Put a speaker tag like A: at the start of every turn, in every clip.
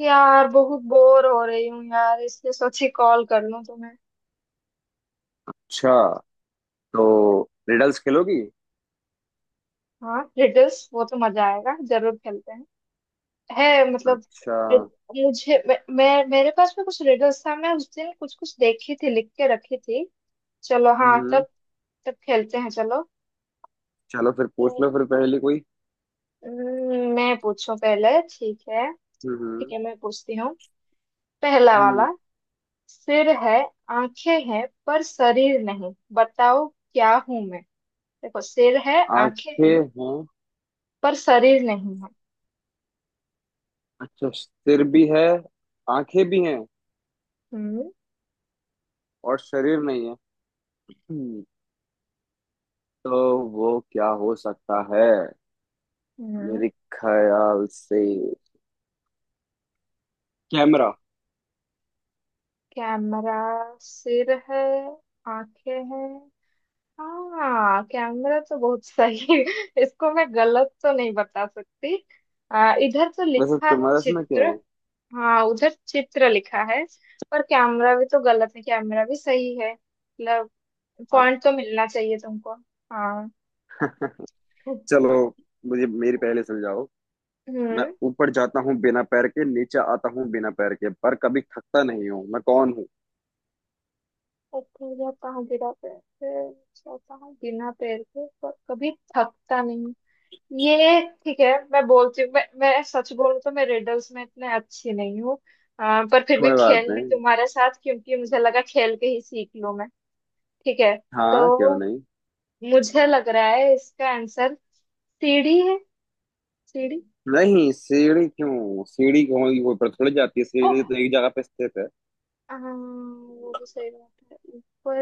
A: यार बहुत बोर हो रही हूँ यार, इसलिए सोची कॉल कर लूँ तुम्हें।
B: अच्छा। तो रिडल्स खेलोगी।
A: हाँ, रिडल्स, वो तो मजा आएगा, जरूर खेलते हैं। है मतलब।
B: अच्छा।
A: मुझे मैं मेरे पास में कुछ रिडल्स था। मैं उस दिन कुछ कुछ देखी थी, लिख के रखी थी। चलो हाँ,
B: हम्म।
A: तब। तब खेलते हैं, चलो।
B: चलो फिर पूछ
A: तो,
B: लो फिर पहली कोई।
A: मैं पूछूं पहले, ठीक है? ठीक
B: हम्म।
A: है, मैं पूछती हूँ। पहला
B: हम्म।
A: वाला। सिर है, आंखें हैं, पर शरीर नहीं। बताओ क्या हूं मैं? देखो, सिर है, आंखें हैं,
B: आंखें हैं।
A: पर शरीर नहीं है।
B: अच्छा सिर भी है, आंखें भी हैं
A: हम्म,
B: और शरीर नहीं है। हम्म, तो वो क्या हो सकता है
A: हम्म।
B: मेरे ख्याल से कैमरा।
A: कैमरा। सिर है, आंखें हैं। हाँ, कैमरा तो बहुत सही इसको मैं गलत तो नहीं बता सकती। इधर तो
B: वैसे
A: लिखा है
B: तुम्हारा इसमें क्या
A: चित्र।
B: है।
A: हाँ, उधर चित्र लिखा है। पर कैमरा भी तो गलत है, कैमरा भी सही है मतलब।
B: हाँ।
A: पॉइंट तो मिलना चाहिए तुमको। हाँ।
B: चलो मुझे मेरी पहले सुलझाओ। मैं
A: हम्म।
B: ऊपर जाता हूँ बिना पैर के, नीचे आता हूँ बिना पैर के, पर कभी थकता नहीं हूँ। मैं कौन हूँ।
A: ऊपर जाता हूँ बिना पैर के, जाता हूँ बिना पैर के, पर कभी थकता नहीं। ये ठीक है, मैं बोलती हूँ, मैं सच बोलूँ तो मैं रिडल्स में इतने अच्छी नहीं हूँ। पर फिर भी
B: कोई बात
A: खेल ली
B: नहीं।
A: तुम्हारे साथ, क्योंकि मुझे लगा खेल के ही सीख लूँ मैं। ठीक है।
B: हाँ क्यों
A: तो
B: नहीं।
A: मुझे लग रहा है इसका आंसर सीढ़ी है, सीढ़ी।
B: नहीं, सीढ़ी क्यों, सीढ़ी क्यों होगी, वो ऊपर थोड़ी जाती है,
A: ओ।
B: सीढ़ी तो एक जगह पे स्थित है।
A: वो भी सही बात है, ऊपर।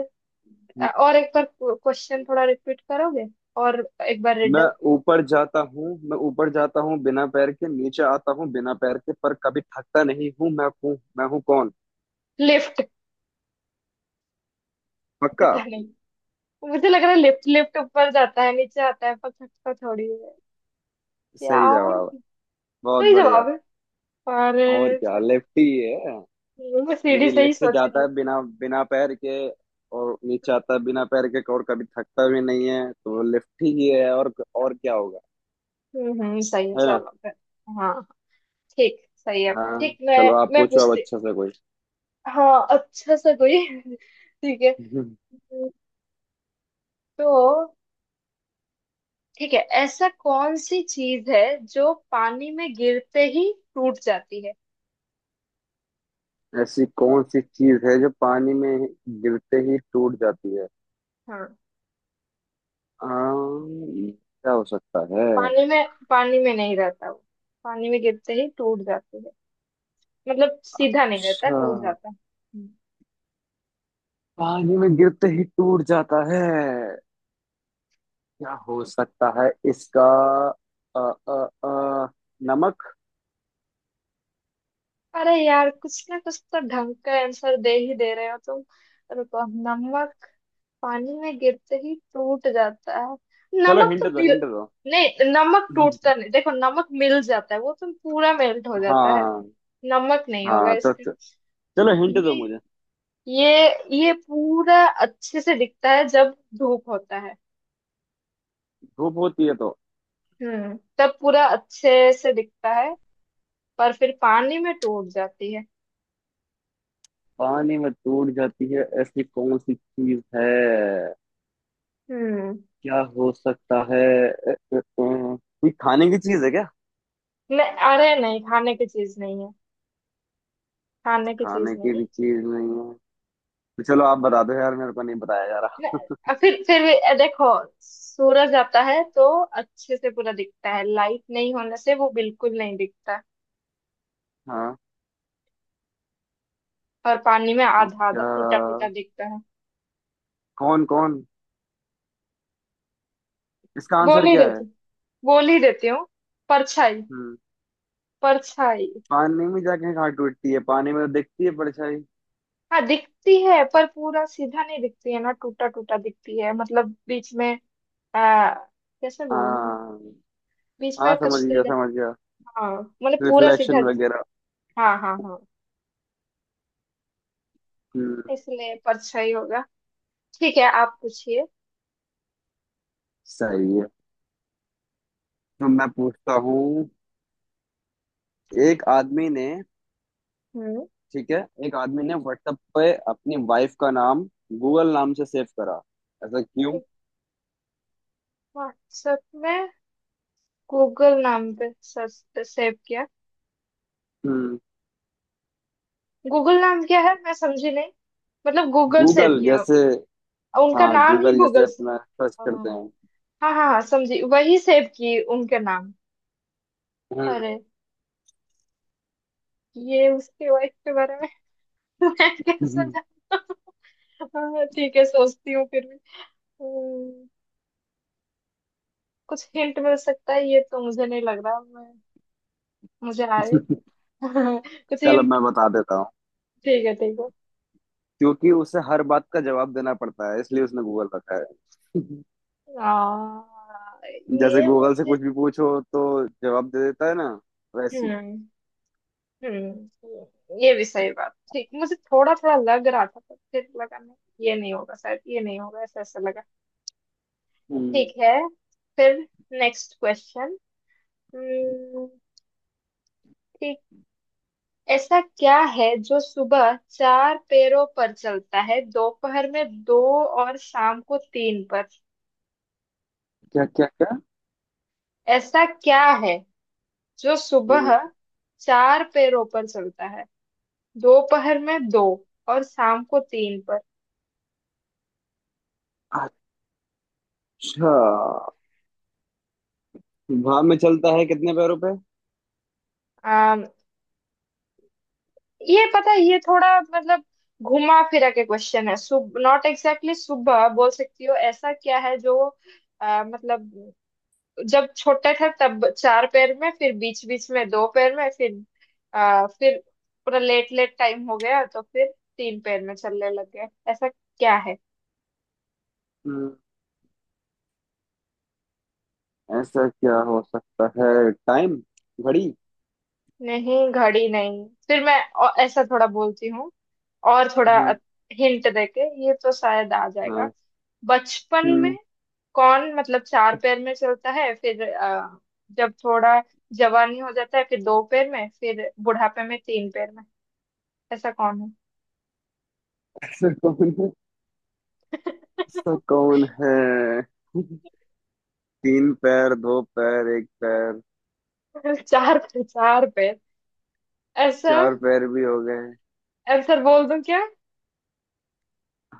A: और एक बार क्वेश्चन थोड़ा रिपीट करोगे? और एक बार
B: मैं
A: रिडल।
B: मैं ऊपर जाता हूँ बिना पैर के, नीचे आता हूँ बिना पैर के, पर कभी थकता नहीं हूँ। मैं हूँ कौन।
A: लिफ्ट।
B: पक्का।
A: पता नहीं। मुझे लग रहा है लिफ्ट। लिफ्ट ऊपर जाता है, नीचे आता है, पर खटका थोड़ी है।
B: सही
A: यार।
B: जवाब। बहुत
A: सही
B: बढ़िया।
A: जवाब है। और।
B: और क्या लेफ्टी है।
A: चलो, मैं सीढ़ी
B: क्योंकि
A: से ही
B: लेफ्टी
A: सोच रही
B: जाता
A: हूँ।
B: है बिना बिना पैर के और नीचे आता है बिना पैर के और कभी थकता भी नहीं है, तो लेफ्टी ही है। और क्या होगा।
A: हम्म, सही है,
B: है।
A: चलो फिर। हाँ। ठीक, सही है,
B: हाँ।
A: ठीक। मैं
B: चलो आप
A: मैं
B: पूछो अब
A: पूछती।
B: अच्छा सा कोई।
A: हाँ, अच्छा सा कोई ठीक है।
B: हम्म,
A: हम्म। तो। ठीक है। ऐसा कौन सी चीज है जो पानी में गिरते ही टूट जाती है?
B: ऐसी कौन सी चीज है जो पानी में गिरते ही टूट जाती है।
A: हाँ।
B: आम, क्या हो सकता है।
A: पानी में नहीं रहता वो। पानी में गिरते ही टूट जाती है। मतलब, सीधा नहीं रहता,
B: अच्छा,
A: टूट जाता है।
B: पानी में गिरते ही टूट जाता है, क्या हो सकता है इसका। अ, अ, अ, नमक।
A: अरे यार, कुछ ना कुछ तो ढंग का आंसर दे ही दे रहे हो तुम। रुको। नमक। पानी में गिरते ही टूट जाता है?
B: चलो
A: नमक तो
B: हिंट दो
A: मिल।
B: हिंट दो।
A: नहीं, नमक टूटता नहीं। देखो, नमक मिल जाता है, वो तो पूरा मेल्ट हो जाता है।
B: हाँ।
A: नमक नहीं होगा
B: हाँ तो
A: इसमें।
B: चलो हिंट दो
A: ये
B: मुझे।
A: ये ये पूरा अच्छे से दिखता है जब धूप होता है।
B: धूप होती है तो।
A: तब पूरा अच्छे से दिखता है। पर फिर पानी में टूट जाती है।
B: पानी में टूट जाती है ऐसी कौन सी चीज है,
A: हम्म।
B: क्या हो सकता है। कोई खाने की चीज है क्या।
A: नहीं, अरे नहीं, खाने की चीज नहीं है। खाने की चीज
B: खाने की
A: नहीं।
B: भी चीज नहीं है, तो चलो आप बता दो यार, मेरे को नहीं बताया जा रहा।
A: फिर भी, देखो। सूरज आता है तो अच्छे से पूरा दिखता है, लाइट नहीं होने से वो बिल्कुल नहीं दिखता।
B: हाँ
A: और पानी में
B: तो
A: आधा आधा, टूटा टूटा
B: क्या,
A: दिखता है।
B: कौन कौन, इसका
A: बोल
B: आंसर
A: ही
B: क्या
A: देती
B: है।
A: बोल ही देती हूँ। परछाई।
B: हम्म।
A: परछाई।
B: पानी में जाके कहाँ टूटती है, पानी में तो दिखती है परछाई।
A: हाँ, दिखती है, पर पूरा सीधा नहीं दिखती है ना, टूटा टूटा दिखती है, मतलब बीच में। आ, कैसे बोलूं।
B: हाँ,
A: बीच
B: हाँ
A: में
B: समझ
A: कुछ नहीं
B: गया
A: दिख-।
B: समझ गया।
A: हाँ। मतलब पूरा सीधा
B: रिफ्लेक्शन
A: दिख-।
B: वगैरह।
A: हाँ, हाँ, हाँ।
B: हम्म।
A: इसलिए परछाई होगा। ठीक है, आप पूछिए।
B: सही है। तो मैं पूछता हूँ। एक आदमी ने।
A: हम्म।
B: ठीक है। एक आदमी ने व्हाट्सएप पे अपनी वाइफ का नाम गूगल नाम से सेव करा, ऐसा क्यों।
A: व्हाट्सएप में। गूगल नाम पे सेव किया।
B: हम्म।
A: गूगल नाम क्या है? मैं समझी नहीं। मतलब गूगल सेव
B: गूगल
A: किया?
B: जैसे।
A: और उनका
B: हाँ,
A: नाम ही
B: गूगल जैसे
A: गूगल से?
B: अपना सर्च
A: हाँ,
B: करते हैं।
A: हाँ, हाँ, समझी, वही सेव की उनके नाम। अरे। ये उसके वाइफ के बारे में। मैं कैसे
B: हम्म।
A: जानता? हाँ, ठीक है, सोचती हूँ फिर भी। हम्म, कुछ हिंट मिल सकता है? ये तो मुझे नहीं लग रहा मैं। मुझे आए। कुछ
B: चलो
A: हिंट।
B: मैं बता देता हूँ।
A: ठीक है, ठीक है।
B: क्योंकि उसे हर बात का जवाब देना पड़ता है, इसलिए उसने गूगल रखा है। जैसे
A: ये
B: गूगल से
A: मुझे।
B: कुछ भी पूछो तो जवाब दे देता है ना,
A: हम्म।
B: वैसी।
A: हम्म। ये भी सही बात, ठीक, मुझे थोड़ा थोड़ा लग रहा था, पर फिर लगा नहीं। ये नहीं होगा शायद, ये नहीं होगा, ऐसा ऐसा लगा।
B: हम्म।
A: ठीक है। फिर। Next question. ठीक। ऐसा क्या है जो सुबह चार पैरों पर चलता है, दोपहर में दो और शाम को तीन पर?
B: क्या क्या क्या।
A: ऐसा क्या है जो सुबह
B: हम्म,
A: चार पैरों पर चलता है, दोपहर में दो और शाम को तीन
B: अच्छा, हवा में चलता है कितने पैरों पे।
A: पर? ये पता है, ये थोड़ा मतलब, घुमा फिरा के क्वेश्चन है। सुब नॉट एग्जैक्टली सुबह बोल सकती हो, ऐसा क्या है जो, मतलब, जब छोटे थे तब चार पैर में, फिर बीच बीच में दो पैर में, फिर फिर पूरा लेट लेट टाइम हो गया तो फिर तीन पैर में चलने लग गए, ऐसा क्या है?
B: हम्म। ऐसा क्या हो सकता है, टाइम, घड़ी।
A: नहीं, घड़ी नहीं। फिर मैं ऐसा थोड़ा बोलती हूँ। और थोड़ा
B: हम्म।
A: हिंट देके ये तो शायद आ जाएगा।
B: हाँ।
A: बचपन में।
B: हम्म।
A: कौन, मतलब, चार पैर में चलता है, फिर जब थोड़ा जवानी हो जाता है फिर दो पैर में, फिर बुढ़ापे में तीन पैर में। ऐसा कौन है?
B: ऐसा कौन। सब कौन है। तीन पैर दो पैर एक पैर।
A: चार पैर, चार पैर। ऐसा।
B: चार पैर भी हो गए।
A: आंसर बोल दूं क्या?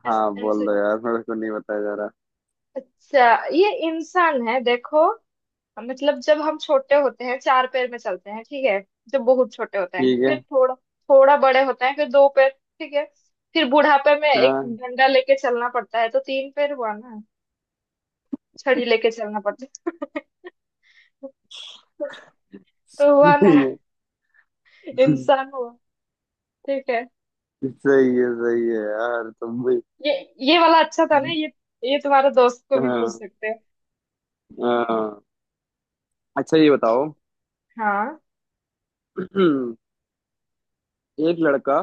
B: हाँ
A: ऐसा
B: बोल दो
A: आंसर।
B: यार, मेरे को नहीं बताया जा रहा।
A: अच्छा, ये इंसान है, देखो। मतलब जब हम छोटे होते हैं चार पैर में चलते हैं, ठीक है? जब बहुत छोटे होते हैं,
B: ठीक है।
A: फिर थोड़ा थोड़ा बड़े होते हैं, फिर दो पैर। ठीक है। फिर बुढ़ापे में एक
B: हाँ।
A: डंडा लेके चलना पड़ता है, तो तीन पैर हुआ ना? छड़ी लेके चलना पड़ता है। तो हुआ ना।
B: सही है,
A: इंसान हुआ। ठीक है।
B: सही है, सही है यार तुम भी।
A: ये ये वाला अच्छा था ना, ये। ये तुम्हारे दोस्त को भी पूछ
B: हाँ।
A: सकते हैं।
B: हाँ। अच्छा ये बताओ।
A: हाँ।
B: एक लड़का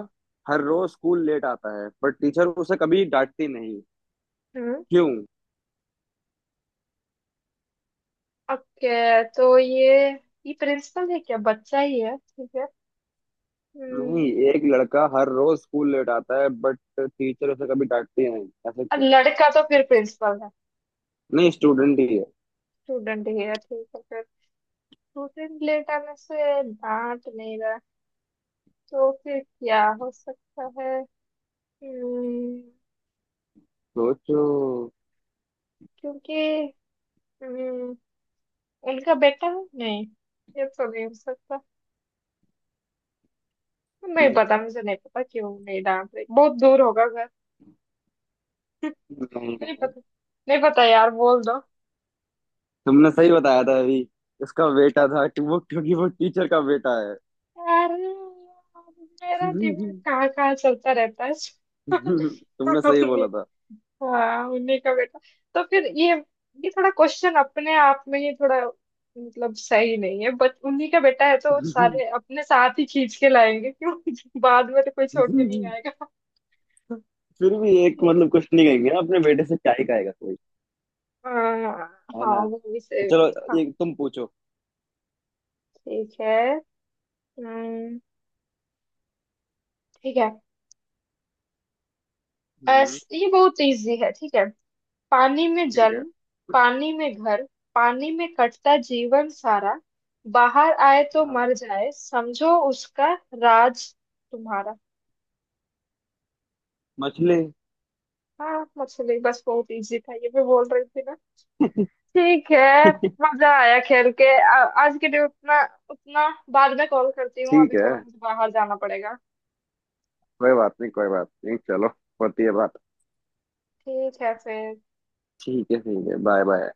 B: हर रोज स्कूल लेट आता है पर टीचर उसे कभी डांटती नहीं।
A: हम्म।
B: क्यों।
A: ओके, तो ये प्रिंसिपल है क्या? बच्चा ही है, ठीक है।
B: नहीं,
A: हम्म।
B: एक लड़का हर रोज स्कूल लेट आता है बट टीचर उसे कभी डांटती नहीं, ऐसा क्यों।
A: लड़का तो फिर प्रिंसिपल है।
B: नहीं, स्टूडेंट ही है।
A: स्टूडेंट हेयर, ठीक है फिर। रूटीन लेट आने से डांट नहीं रहा, तो फिर क्या हो सकता है? हम्म,
B: सोचो।
A: क्योंकि, हम्म, उनका बेटा है? नहीं, ये तो नहीं हो सकता। नहीं पता, मुझे नहीं पता क्यों नहीं डांट रही, बहुत दूर होगा घर।
B: नहीं
A: नहीं
B: नहीं।
A: पता। नहीं पता यार, बोल दो।
B: तुमने सही बताया था अभी, उसका बेटा था। वो, क्योंकि वो टीचर का बेटा है।
A: यार, मेरा दिमाग कहाँ कहाँ चलता रहता है।
B: तुमने सही बोला था।
A: हाँ, उन्हीं का बेटा। तो फिर ये थोड़ा क्वेश्चन अपने आप में ही थोड़ा, मतलब सही नहीं है, बट उन्हीं का बेटा है तो सारे अपने साथ ही खींच के लाएंगे क्यों। बाद में तो कोई छोड़ के नहीं आएगा।
B: फिर भी एक मतलब कुछ नहीं कहेंगे ना, अपने बेटे से क्या ही कहेगा कोई।
A: आ,
B: है
A: हाँ,
B: ना।
A: वो भी
B: तो
A: सही बात
B: चलो,
A: है। हाँ।
B: एक तुम पूछो।
A: ठीक है। हम्म। ठीक है।
B: हम्म।
A: ये बहुत इजी है, ठीक है। पानी में
B: ठीक है।
A: जन्म, पानी में घर, पानी में कटता जीवन सारा, बाहर आए तो
B: हाँ।
A: मर जाए, समझो उसका राज तुम्हारा।
B: मछली।
A: हाँ, मछली। बस बहुत इजी था ये, मैं बोल रही थी ना। ठीक है। मजा आया खेल के। आज के लिए उतना, उतना बाद में कॉल करती हूँ,
B: ठीक
A: अभी
B: है।
A: थोड़ा मुझे बाहर जाना पड़ेगा।
B: कोई बात नहीं, कोई बात नहीं, चलो। होती है बात।
A: ठीक है फिर।
B: ठीक है, ठीक है, बाय बाय।